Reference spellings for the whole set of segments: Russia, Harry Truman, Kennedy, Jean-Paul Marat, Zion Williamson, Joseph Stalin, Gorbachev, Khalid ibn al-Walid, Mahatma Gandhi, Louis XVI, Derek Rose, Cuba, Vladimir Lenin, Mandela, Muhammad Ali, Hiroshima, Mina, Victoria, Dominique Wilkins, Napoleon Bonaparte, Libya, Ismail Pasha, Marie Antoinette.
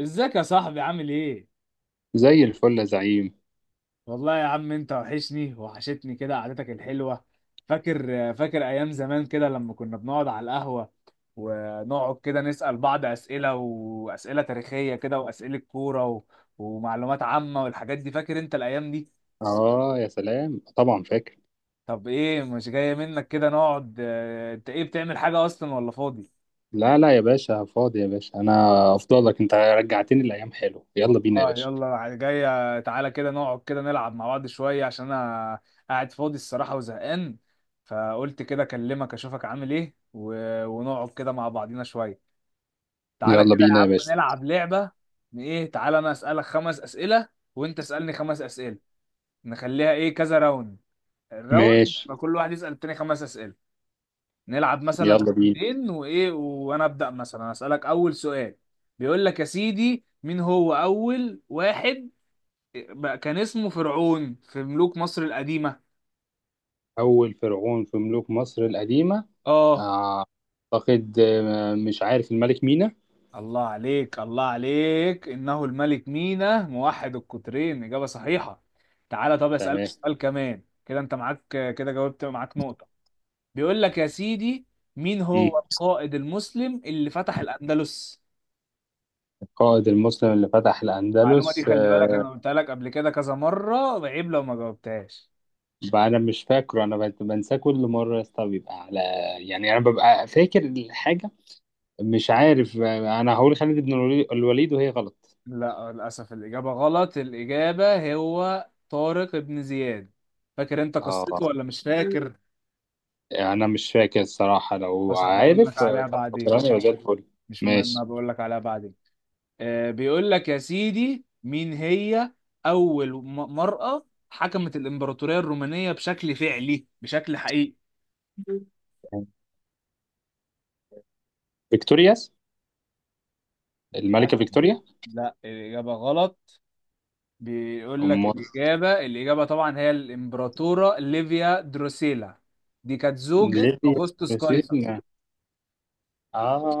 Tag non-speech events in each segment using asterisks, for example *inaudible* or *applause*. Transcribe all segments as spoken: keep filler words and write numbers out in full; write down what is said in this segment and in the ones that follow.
ازيك يا صاحبي، عامل ايه؟ زي الفل يا زعيم. والله يا عم، انت وحشني وحشتني، كده قعدتك الحلوة. فاكر فاكر ايام زمان كده، لما كنا بنقعد على القهوة، ونقعد كده نسأل بعض اسئلة، واسئلة تاريخية كده، واسئلة كورة و... ومعلومات عامة والحاجات دي، فاكر انت الايام دي؟ اه يا سلام، طبعا فاكر. طب ايه، مش جاية منك كده نقعد؟ اه، انت ايه بتعمل حاجة اصلا ولا فاضي؟ لا لا يا باشا، فاضي يا باشا، انا افضلك، انت رجعتني الايام، حلو، يلا بينا يا اه، باشا. يلا جاية. تعالى كده نقعد كده نلعب مع بعض شوية، عشان انا قاعد فاضي الصراحة وزهقان، فقلت كده اكلمك اشوفك عامل ايه و... ونقعد كده مع بعضينا شوية. تعالى يلا كده يا بينا يا عم، باشا. نلعب لعبة. إن ايه، تعالى انا اسألك خمس اسئلة وانت اسألني خمس اسئلة. نخليها ايه، كذا راوند. الراوند ماشي، يبقى كل واحد يسأل التاني خمس اسئلة. نلعب مثلا يلا بينا. راوندين، وايه، وانا ابدأ مثلا اسألك اول سؤال. بيقول لك يا سيدي، مين هو اول واحد بقى كان اسمه فرعون في ملوك مصر القديمة؟ اول فرعون في ملوك مصر القديمه؟ اه. آه، اعتقد، آه، مش عارف، الملك مينا. الله عليك الله عليك، إنه الملك مينا موحد القطرين، إجابة صحيحة. تعالى، طب أسألك تمام. سؤال كمان كده، أنت معاك كده، جاوبت، معاك نقطة. بيقول لك يا سيدي، مين مم. هو القائد المسلم اللي فتح الأندلس؟ القائد المسلم اللي فتح المعلومة دي الاندلس خلي بالك، آه، أنا قلتها لك قبل كده كذا مرة، عيب لو ما جاوبتهاش. بقى انا مش فاكره، انا بنساه كل مره يا اسطى، بيبقى على، يعني انا ببقى فاكر الحاجه، مش عارف. انا هقول خالد بن الولي- الوليد، وهي غلط. لا، للأسف الإجابة غلط، الإجابة هو طارق بن زياد. فاكر أنت قصته، اه ولا مش فاكر؟ انا مش فاكر الصراحه، لو بس هبقول لك عارف آه، عليها طب بعدين، فكرني يبقى زي الفل. مش مهم، ماشي. هبقول لك عليها بعدين. آه بيقول لك يا سيدي، مين هي أول م- مرأة حكمت الإمبراطورية الرومانية بشكل فعلي، بشكل حقيقي؟ فيكتورياس، الملكه للأسف، فيكتوريا. لا، الإجابة غلط. بيقول لك ام الإجابة الإجابة طبعا هي الإمبراطورة ليفيا دروسيلا. دي كانت زوجة ليبيا، أغسطس قيصر. مسينا،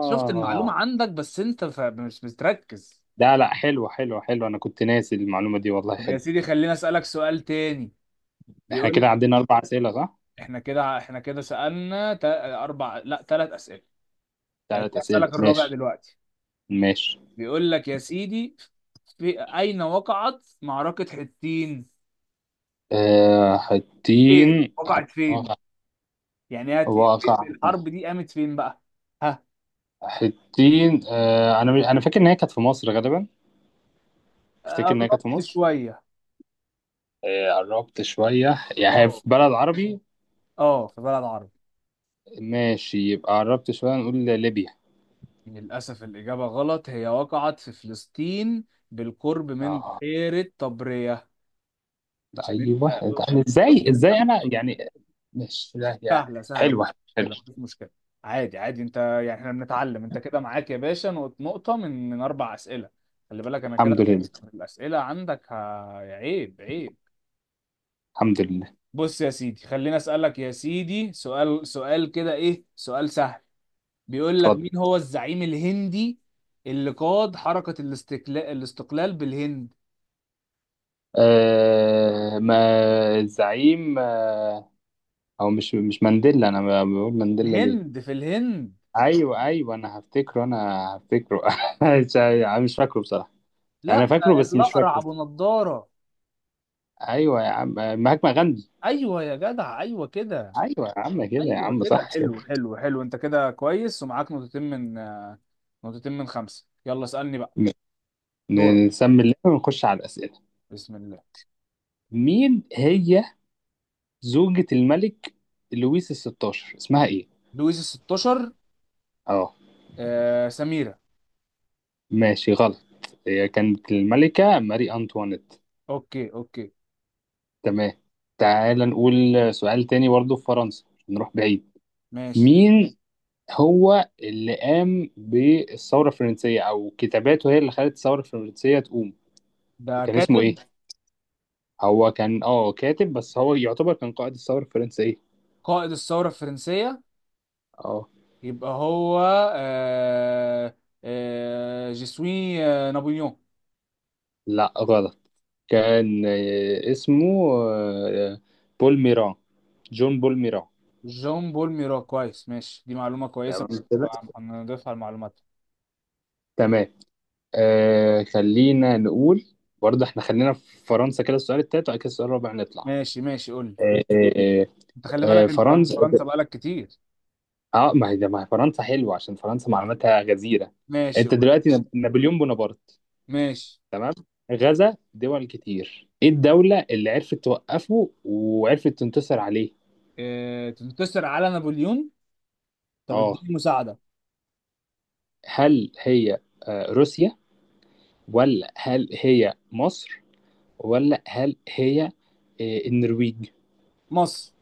شفت المعلومة عندك، بس انت ف- مش بتركز. لا لا، حلو حلو حلو، انا كنت ناسي المعلومه دي والله، طب يا حلو. سيدي، خليني اسألك سؤال تاني. احنا كده بيقول، عندنا اربع اسئله، صح؟ احنا كده احنا كده سألنا تا- اربع، لا، ثلاث اسئلة. يعني ثلاث اسئله، اسألك الرابع ماشي. دلوقتي. ماشي. بيقول لك يا سيدي، في اين وقعت معركة حطين؟ آه، فين حتين. وقعت، فين؟ واقع يعني هت... واقع الحرب دي قامت فين بقى؟ ها؟ حتين، آه انا انا فاكر ان هي كانت في مصر غالبا. تفتكر إن هي كانت في قربت مصر؟ شوية. آه، قربت شوية، يعني هي في اه، بلد عربي. اه، في بلد عربي. ماشي، يبقى قربت شوية، نقول ليبيا. للأسف الإجابة غلط، هي وقعت في فلسطين، بالقرب من اه، بحيرة طبرية. عشان أيوه. أنت أنا شفت شفت إزاي أنت. إزاي أنا يعني، مش لا يعني. سهلة سهلة، حلوة مفيش حلوة. مشكلة مفيش مشكلة، عادي عادي، أنت يعني إحنا بنتعلم. أنت كده معاك يا باشا نقط- نقطة من من أربع أسئلة. خلي بالك أنا الحمد كده لله. الأسئلة عندك ه- عيب عيب. الحمد لله. بص يا سيدي، خليني أسألك يا سيدي سؤال، سؤال كده إيه، سؤال سهل. بيقول لك، اتفضل. مين هو الزعيم الهندي اللي قاد حركة الاستقلال الاستقلال بالهند؟ آه ما الزعيم، آه أو مش مش مانديلا، أنا بقول مانديلا ليه؟ الهند، في الهند. أيوه أيوه، أنا هفتكره، أنا هفتكره *laughs* مش مش فاكره بصراحة، يعني أنا لا، فاكره بس مش الأقرع فاكره. أبو نضارة. أيوه يا عم، مهاتما غاندي. أيوه يا جدع، أيوه كده. ايوه يا عم، كده يا أيوه عم، كده، صح كده. حلو حلو حلو، أنت كده كويس، ومعاك نقطتين من آه، نقطتين من خمسة. يلا اسألني بقى. ن- دورك. ن- نسمي اللعبه ونخش على الاسئله. بسم الله. مين هي زوجة الملك لويس الستاشر، اسمها ايه؟ لويس ال ستاشر. اه. آه سميرة. ماشي غلط، هي كانت الملكة ماري انطوانيت. أوكي أوكي، تمام. تعال نقول سؤال تاني برضو في فرنسا، نروح بعيد. ماشي. مين هو اللي قام بالثورة الفرنسية، او كتاباته هي اللي خلت الثورة الفرنسية تقوم، ده كان اسمه ايه؟ كاتب. هو كان اه كاتب، بس هو يعتبر كان قائد الثورة الفرنسية. قائد الثورة الفرنسية. اه. يبقى هو، آه آه جيسوي، آه نابليون. لا غلط، كان، آه، اسمه، آه، بول ميران، جون بول ميران. جون بول ميرا، كويس، ماشي، دي معلومة كويسة، تمام كده. بقى هنضيفها المعلومات. تمام. آه خلينا نقول، برضه احنا خلينا في فرنسا كده، السؤال التالت وبعد كده السؤال الرابع نطلع. ماشي ماشي، قول لي. آه آه انت خلي آه بالك انت في فرنسا، فرنسا بقالك كتير. اه ما هي ما هي فرنسا حلوه، عشان فرنسا معلوماتها غزيره. ماشي، انت قول لي. دلوقتي ناب- نابليون بونابرت، ماشي. تمام، غزا دول كتير، ايه الدوله اللي عرفت توقفه وعرفت تنتصر عليه؟ اه، تنتصر على نابليون؟ طب اه. اديني مساعدة. هل هي، آه روسيا، ولا هل هي مصر، ولا هل هي إيه، النرويج؟ مصر.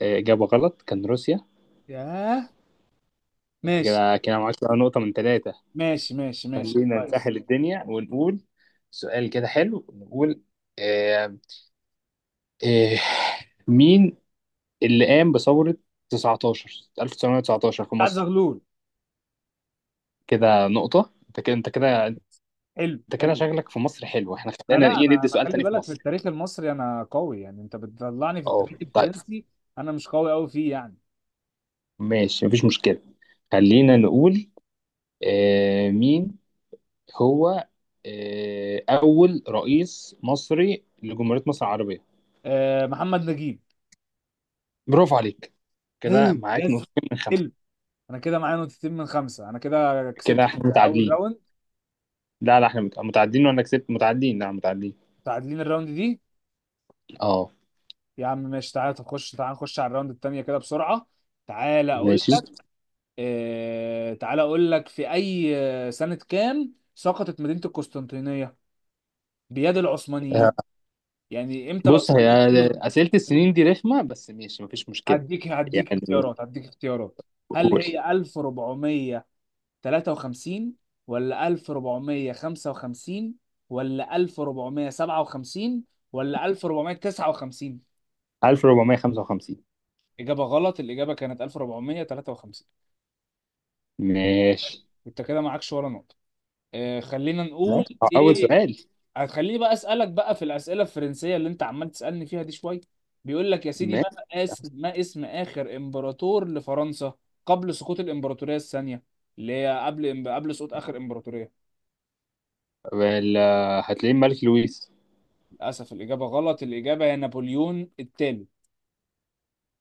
إيه، إجابة غلط، كان روسيا. ياه. انت ماشي كده، كده معاك بقى نقطة من ثلاثة. ماشي ماشي ماشي، خلينا كويس. نسهل الدنيا، ونقول سؤال كده حلو، نقول إيه، إيه، مين اللي قام بثورة تسعة عشر ألف وتسعمئة وتسعة عشر في بتاعت مصر؟ زغلول. كده نقطة، انت كده انت كده، حلو انت كده حلو. شغلك في مصر حلو، احنا انا خلينا لا ايه، انا ندي انا سؤال خلي تاني في بالك، في مصر. التاريخ المصري انا قوي يعني، انت بتطلعني في اه. التاريخ طيب. الفرنسي، انا مش قوي قوي فيه يعني. ماشي، مفيش مشكلة. خلينا نقول، آه، مين هو، آه، أول رئيس مصري لجمهورية مصر العربية؟ اه، محمد نجيب. برافو عليك، كده هي، معاك يس، نقطتين من خمسة. حلو. انا كده معايا نقطتين من خمسة، انا كده كده كسبت احنا اول متعادلين. راوند. لا لا، احنا مت- متعادلين، وأنا كسبت، متعادلين، لا متعادلين. متعادلين الراوند دي. اه يا عم ماشي، تعالى تخش، تعالى نخش على الراوند التانية كده بسرعة. تعالى اقول ماشي. لك. آه... تعالى اقول لك في اي آه، سنة كام سقطت مدينة القسطنطينية بيد العثمانيين؟ آه، يعني امتى بص هي العثمانيين احتلوا؟ أسئلة السنين دي رخمة، بس ماشي مفيش مشكلة، هديك هديك يعني اختيارات، هديك اختيارات. هل قول. هي ألف ربعمية تلاتة وخمسين، ولا ألف ربعمية خمسة وخمسين، ولا ألف ربعمية سبعة وخمسين، ولا ألف ربعمية تسعة وخمسين؟ ألف وأربعمية وخمسة وخمسين. إجابة غلط، الإجابة كانت ألف ربعمية تلاتة وخمسين. ماشي. أنت كده معكش ولا نقطة. آه، خلينا ماشي. نقول. آه، أول إيه. سؤال. هتخليني بقى أسألك بقى في الأسئلة الفرنسية اللي أنت عمال تسألني فيها دي شوية. بيقول لك يا سيدي، ماشي. ما اسم ما اسم آخر إمبراطور لفرنسا قبل سقوط الإمبراطورية الثانية، اللي هي قبل قبل سقوط آخر إمبراطورية. وال- هتلاقيه الملك لويس. للأسف الإجابة غلط، الإجابة هي نابليون الثالث.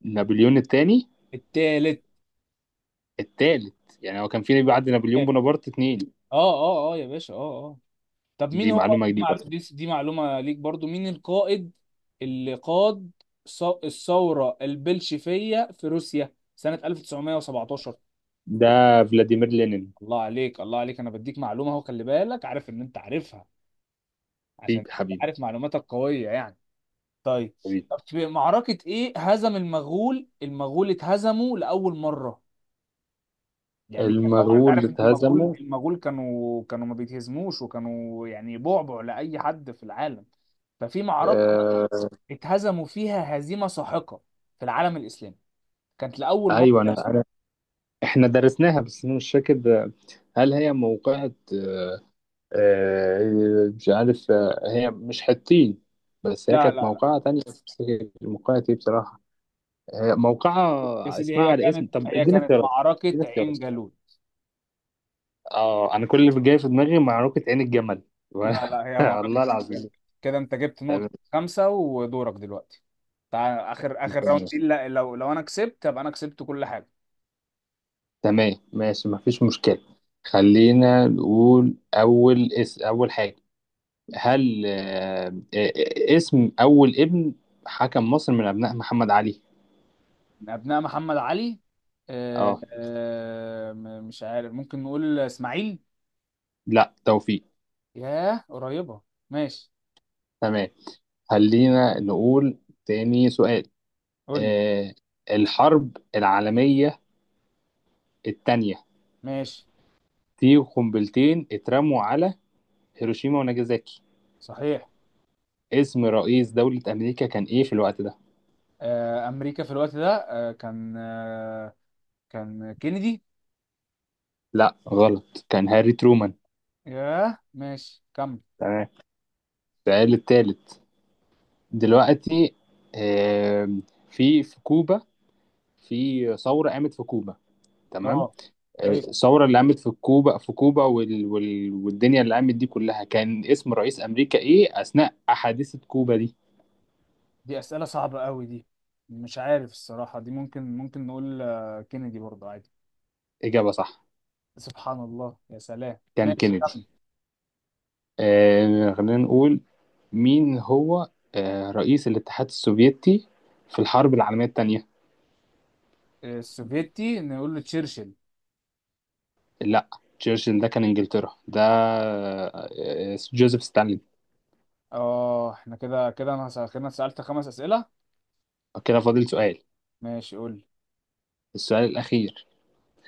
نابليون الثاني، التالت. الثالث، يعني هو كان في بعد نابليون اه بونابرت اتنين. اه اه يا باشا، اه اه. طب مين دي هو، معلومة دي جديدة. معلو- دي دي معلومة ليك برضو. مين القائد اللي قاد ص- الثورة البلشفية في روسيا سنة ألف تسعمائة سبعة عشر؟ ده فلاديمير لينين. الله عليك الله عليك، انا بديك معلومة اهو، خلي بالك، عارف ان انت عارفها، عشان حبيبي أنت حبيبي عارف معلوماتك قوية يعني. طيب. حبيبي. طب في معركة ايه هزم المغول؟ المغول اتهزموا لأول مرة. يعني كان طبعا انت المغول اللي عارف ان المغول اتهزموا؟ المغول كانوا كانوا ما بيتهزموش، وكانوا يعني بعبع لاي حد في العالم. ففي معركه بقى آه. اتهزموا فيها هزيمه ساحقه، في العالم الاسلامي، كانت لاول مره ايوه انا، تحصل. انا احنا درسناها بس انا مش فاكر، آه، هل هي موقعة آه آه، مش عارف، آه هي مش حطين، بس هي لا كانت لا لا، موقعة تانية، بس مش فاكر موقعة ايه بصراحة. هي موقعة يا سيدي اسمها هي على اسم، كانت طب هي اديني كانت اختيارات. معركه اديني عين اختيارات. جالوت. اه، انا كل اللي جاي في دماغي معركة عين الجمل *laughs* لا لا، هي معركه والله عين العظيم. جالوت. كده انت جبت نقطه خمسه، ودورك دلوقتي. تعال، اخر اخر راوند تمام. دي، لا- لو لو انا كسبت ابقى انا كسبت كل حاجه. تمام ماشي مفيش مشكلة. خلينا نقول أول اسم، أول حاجة، هل آه، آه، اسم أول ابن حكم مصر من أبناء محمد علي؟ من ابناء محمد علي. آه، اه. آه، م- مش عارف، ممكن نقول اسماعيل. لا، توفيق. ياه، قريبه. ماشي، تمام، خلينا نقول تاني سؤال. قول لي. آه، الحرب العالمية التانية، ماشي. في قنبلتين اترموا على هيروشيما وناجازاكي، صحيح. اسم رئيس دولة أمريكا كان إيه في الوقت ده؟ آه، امريكا في الوقت ده، آه، كان آه، كان كينيدي. لا غلط، كان هاري ترومان. ياه، ماشي كمل. تمام، السؤال التالت دلوقتي. آم، في في كوبا، في ثورة قامت في كوبا، تمام، اه، آه، صحيح. الثورة اللي قامت في كوبا في كوبا، وال... وال... والدنيا اللي قامت دي كلها، كان اسم رئيس أمريكا إيه أثناء حادثة كوبا دي؟ دي اسئله صعبه قوي دي. مش عارف الصراحه دي، ممكن ممكن نقول آه، كينيدي برضه عادي. إجابة صح، سبحان الله، يا سلام، كان ماشي كينيدي. كمل. آه، خلينا نقول مين هو آه، رئيس الاتحاد السوفيتي في الحرب العالمية التانية؟ آه، السوفيتي، نقول له تشرشل. لا، تشرشل ده كان إنجلترا، ده آه، آه، جوزيف ستالين. اه احنا كده، كده انا سأ- كده أنا سألت خمس أسئلة. كده فاضل سؤال، ماشي قول لي. السؤال الأخير.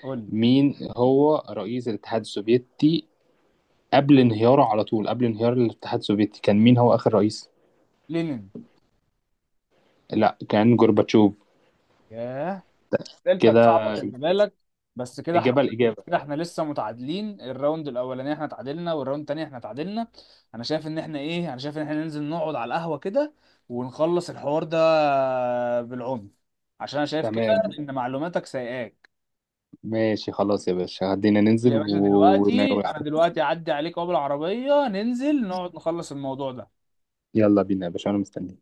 قول لي. مين هو رئيس الاتحاد السوفيتي قبل انهياره، على طول قبل انهيار الاتحاد السوفيتي، كان مين هو آخر رئيس؟ لينين. لا كان جورباتشوف. ياه، أسئلتك كده صعبة خلي بالك. بس كده احنا، إجابة الإجابة. كده احنا لسه متعادلين، الراوند الأولاني احنا تعادلنا، والراوند التاني احنا تعادلنا. أنا شايف إن احنا إيه أنا شايف إن احنا ننزل نقعد على القهوة كده، ونخلص الحوار ده، بالعنف، عشان أنا شايف كده تمام إن معلوماتك سايقاك. ماشي، خلاص يا باشا، هدينا ننزل يا و... باشا ون- دلوقتي، أنا دلوقتي أعدي عليك أهو بالعربية، ننزل نقعد نخلص الموضوع ده. يلا بينا يا باشا، أنا مستني